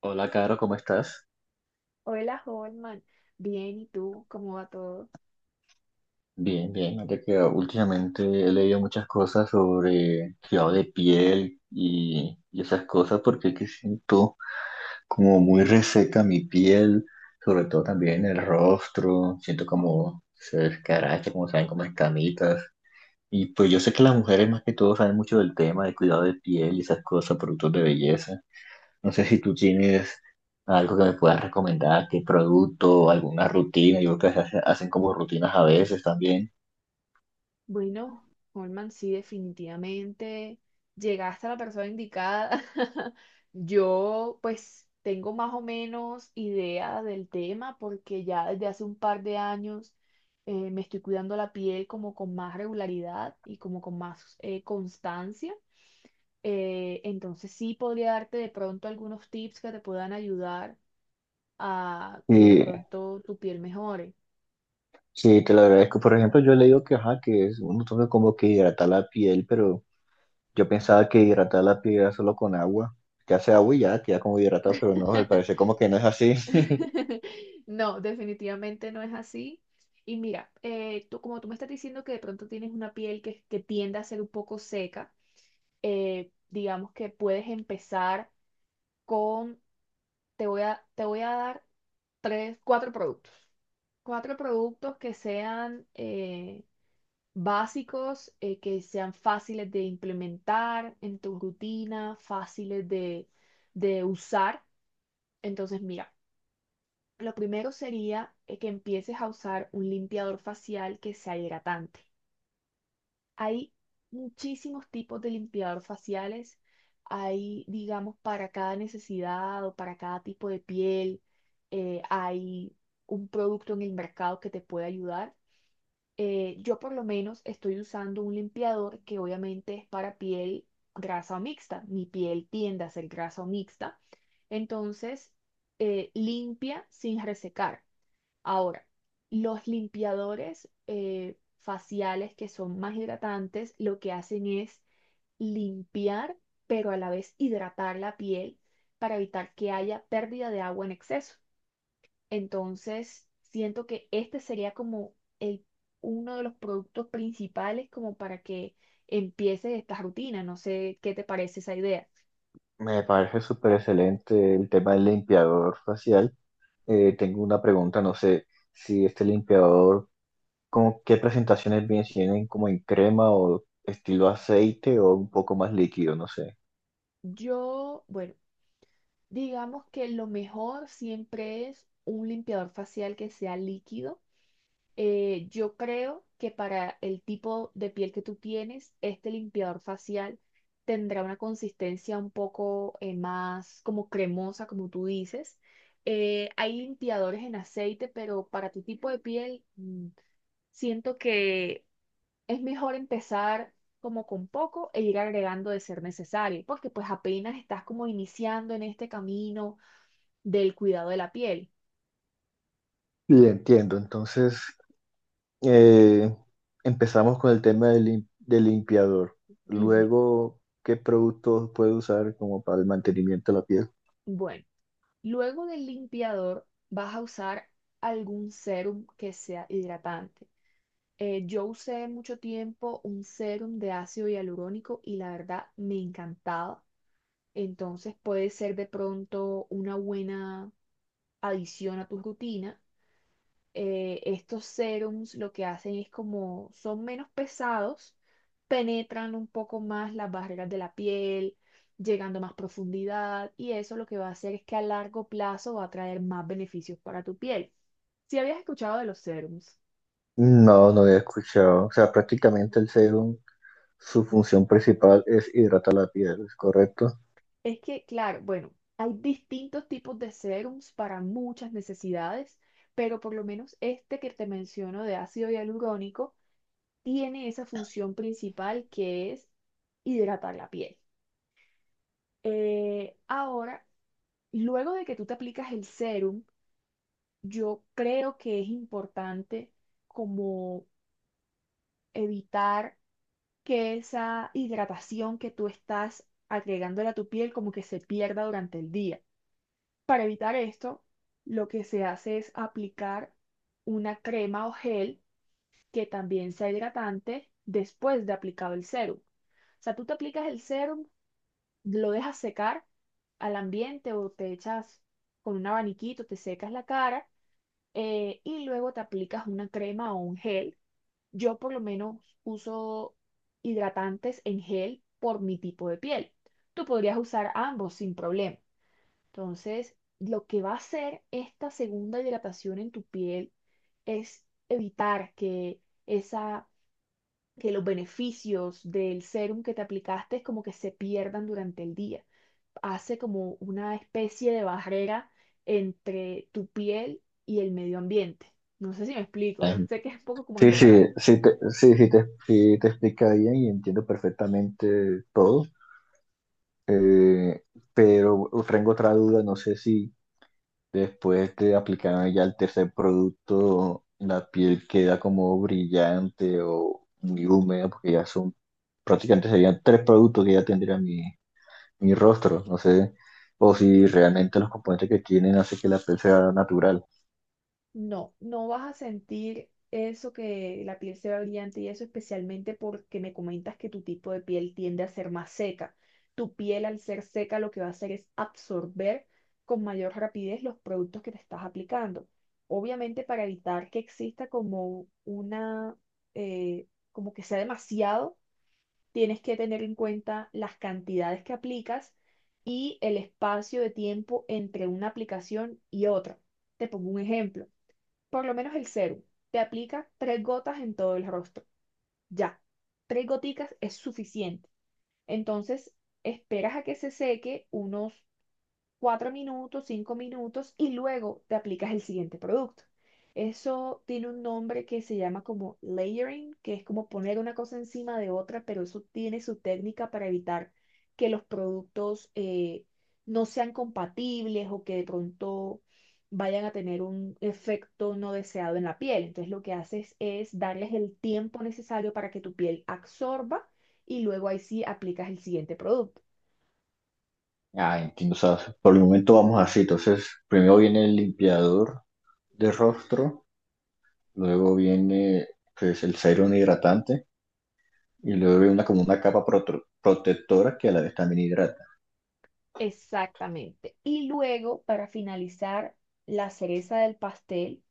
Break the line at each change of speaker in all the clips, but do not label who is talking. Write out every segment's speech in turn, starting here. Hola, Caro, ¿cómo estás?
Hola, Holman. Bien, ¿y tú? ¿Cómo va todo?
Bien, bien. Mira que últimamente he leído muchas cosas sobre cuidado de piel y esas cosas porque es que siento como muy reseca mi piel, sobre todo también el rostro. Siento como se descaracha, como saben, como escamitas. Y pues yo sé que las mujeres más que todo saben mucho del tema de cuidado de piel y esas cosas, productos de belleza. No sé si tú tienes algo que me puedas recomendar, qué producto, alguna rutina. Yo creo que hacen como rutinas a veces también.
Bueno, Holman, sí, definitivamente llegaste a la persona indicada. Yo, pues, tengo más o menos idea del tema porque ya desde hace un par de años me estoy cuidando la piel como con más regularidad y como con más constancia. Entonces sí podría darte de pronto algunos tips que te puedan ayudar a que de
Sí,
pronto tu piel mejore.
sí, te lo agradezco. Por ejemplo, yo he leído que, ajá, que es, uno toca como que hidratar la piel, pero yo pensaba que hidratar la piel era solo con agua. Que hace agua y ya queda como hidratado, pero no, me parece como que no es así.
No, definitivamente no es así. Y mira, tú, como tú me estás diciendo que de pronto tienes una piel que tiende a ser un poco seca, digamos que puedes empezar con, te voy a dar tres, cuatro productos. Cuatro productos que sean básicos, que sean fáciles de implementar en tu rutina, de usar. Entonces, mira. Lo primero sería que empieces a usar un limpiador facial que sea hidratante. Hay muchísimos tipos de limpiador faciales. Hay, digamos, para cada necesidad o para cada tipo de piel. Hay un producto en el mercado que te puede ayudar. Yo por lo menos estoy usando un limpiador que obviamente es para piel grasa o mixta. Mi piel tiende a ser grasa o mixta. Entonces, limpia sin resecar. Ahora, los limpiadores faciales que son más hidratantes, lo que hacen es limpiar, pero a la vez hidratar la piel para evitar que haya pérdida de agua en exceso. Entonces, siento que este sería como el, uno de los productos principales como para que empieces esta rutina. No sé qué te parece esa idea.
Me parece súper excelente el tema del limpiador facial. Tengo una pregunta, no sé si este limpiador, ¿cómo qué presentaciones? Si vienen como en crema o estilo aceite o un poco más líquido, no sé.
Yo, bueno, digamos que lo mejor siempre es un limpiador facial que sea líquido. Yo creo que para el tipo de piel que tú tienes, este limpiador facial tendrá una consistencia un poco más como cremosa, como tú dices. Hay limpiadores en aceite, pero para tu tipo de piel, siento que es mejor empezar como con poco e ir agregando de ser necesario, porque pues apenas estás como iniciando en este camino del cuidado de la piel.
Y entiendo, entonces eh, empezamos con el tema del limpiador.
Ujú.
Luego, ¿qué productos puede usar como para el mantenimiento de la piel?
Bueno. Luego del limpiador vas a usar algún serum que sea hidratante. Yo usé mucho tiempo un serum de ácido hialurónico y la verdad me encantaba. Entonces puede ser de pronto una buena adición a tu rutina. Estos serums lo que hacen es como son menos pesados, penetran un poco más las barreras de la piel, llegando a más profundidad, y eso lo que va a hacer es que a largo plazo va a traer más beneficios para tu piel. Si habías escuchado de los serums,
No, no había escuchado. O sea, prácticamente el serum, su función principal es hidratar la piel, ¿es correcto?
es que, claro, bueno, hay distintos tipos de serums para muchas necesidades, pero por lo menos este que te menciono de ácido hialurónico tiene esa función principal, que es hidratar la piel. Ahora, luego de que tú te aplicas el serum, yo creo que es importante como evitar que esa hidratación que tú estás agregándole a tu piel como que se pierda durante el día. Para evitar esto, lo que se hace es aplicar una crema o gel que también sea hidratante después de aplicado el serum. O sea, tú te aplicas el serum, lo dejas secar al ambiente o te echas con un abaniquito, te secas la cara, y luego te aplicas una crema o un gel. Yo por lo menos uso hidratantes en gel por mi tipo de piel. Tú podrías usar ambos sin problema. Entonces, lo que va a hacer esta segunda hidratación en tu piel es evitar que esa, que los beneficios del serum que te aplicaste como que se pierdan durante el día. Hace como una especie de barrera entre tu piel y el medio ambiente. No sé si me explico,
Ay.
sé que es un poco como
Sí,
enredado.
sí, sí te explica bien y entiendo perfectamente todo. Eh, pero tengo otra duda, no sé si después de aplicar ya el tercer producto, la piel queda como brillante o muy húmeda, porque ya son prácticamente serían tres productos que ya tendría mi rostro, no sé, o si realmente los componentes que tienen hace que la piel sea natural.
No, no vas a sentir eso, que la piel se ve brillante y eso, especialmente porque me comentas que tu tipo de piel tiende a ser más seca. Tu piel al ser seca lo que va a hacer es absorber con mayor rapidez los productos que te estás aplicando. Obviamente para evitar que exista como una, eh, como que sea demasiado, tienes que tener en cuenta las cantidades que aplicas y el espacio de tiempo entre una aplicación y otra. Te pongo un ejemplo. Por lo menos el serum. Te aplica tres gotas en todo el rostro. Ya. Tres goticas es suficiente. Entonces, esperas a que se seque unos cuatro minutos, cinco minutos y luego te aplicas el siguiente producto. Eso tiene un nombre que se llama como layering, que es como poner una cosa encima de otra, pero eso tiene su técnica para evitar que los productos no sean compatibles o que de pronto vayan a tener un efecto no deseado en la piel. Entonces lo que haces es darles el tiempo necesario para que tu piel absorba y luego ahí sí aplicas el siguiente producto.
Ah, entiendo, o sea, por el momento vamos así, entonces primero viene el limpiador de rostro, luego viene pues, el serum hidratante. Y luego hay una como una capa protectora que a la vez también hidrata.
Exactamente. Y luego, para finalizar, la cereza del pastel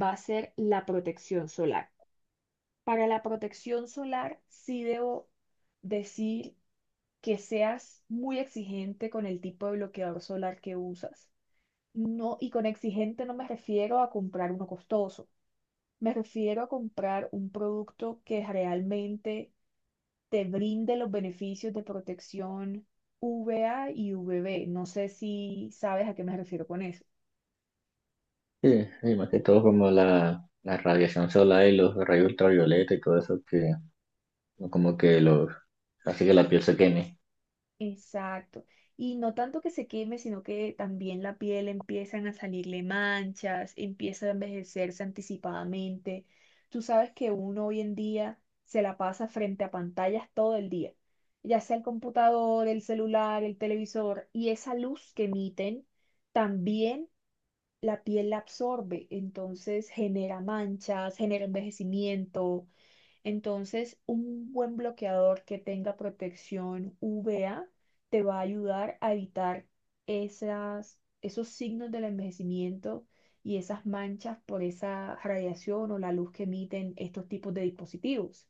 va a ser la protección solar. Para la protección solar, sí debo decir que seas muy exigente con el tipo de bloqueador solar que usas. No, y con exigente no me refiero a comprar uno costoso. Me refiero a comprar un producto que realmente te brinde los beneficios de protección VA y VB. No sé si sabes a qué me refiero con eso.
Sí, y más que todo como la radiación solar y los rayos ultravioleta y todo eso que como que los hace que la piel se queme.
Exacto. Y no tanto que se queme, sino que también la piel empiezan a salirle manchas, empieza a envejecerse anticipadamente. Tú sabes que uno hoy en día se la pasa frente a pantallas todo el día, ya sea el computador, el celular, el televisor, y esa luz que emiten también la piel la absorbe, entonces genera manchas, genera envejecimiento. Entonces, un buen bloqueador que tenga protección UVA te va a ayudar a evitar esas, esos signos del envejecimiento y esas manchas por esa radiación o la luz que emiten estos tipos de dispositivos.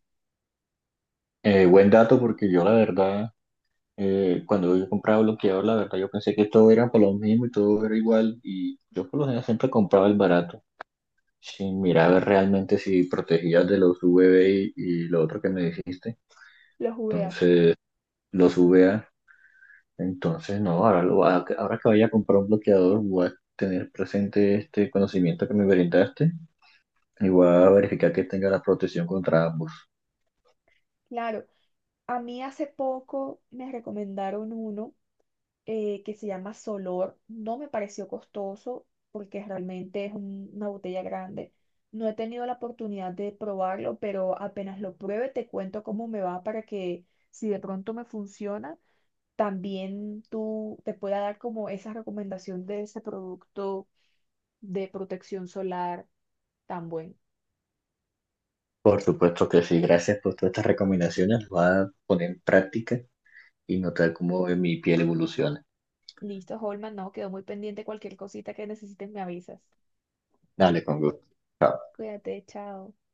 Buen dato porque yo la verdad, cuando yo compraba bloqueador, la verdad yo pensé que todo era por lo mismo y todo era igual y yo por lo general siempre compraba el barato sin mirar realmente si protegía de los UVB y lo otro que me dijiste.
Los UVA,
Entonces, los UVA. Entonces, no, ahora, ahora que vaya a comprar un bloqueador, voy a tener presente este conocimiento que me brindaste y voy a verificar que tenga la protección contra ambos.
claro. A mí hace poco me recomendaron uno que se llama Solor. No me pareció costoso porque realmente es una botella grande. No he tenido la oportunidad de probarlo, pero apenas lo pruebe te cuento cómo me va, para que si de pronto me funciona, también tú te pueda dar como esa recomendación de ese producto de protección solar tan bueno.
Por supuesto que sí, gracias por todas estas recomendaciones, las voy a poner en práctica y notar cómo mi piel evoluciona.
Listo, Holman, no, quedó muy pendiente. Cualquier cosita que necesites me avisas.
Dale, con gusto.
Cuídate, chao.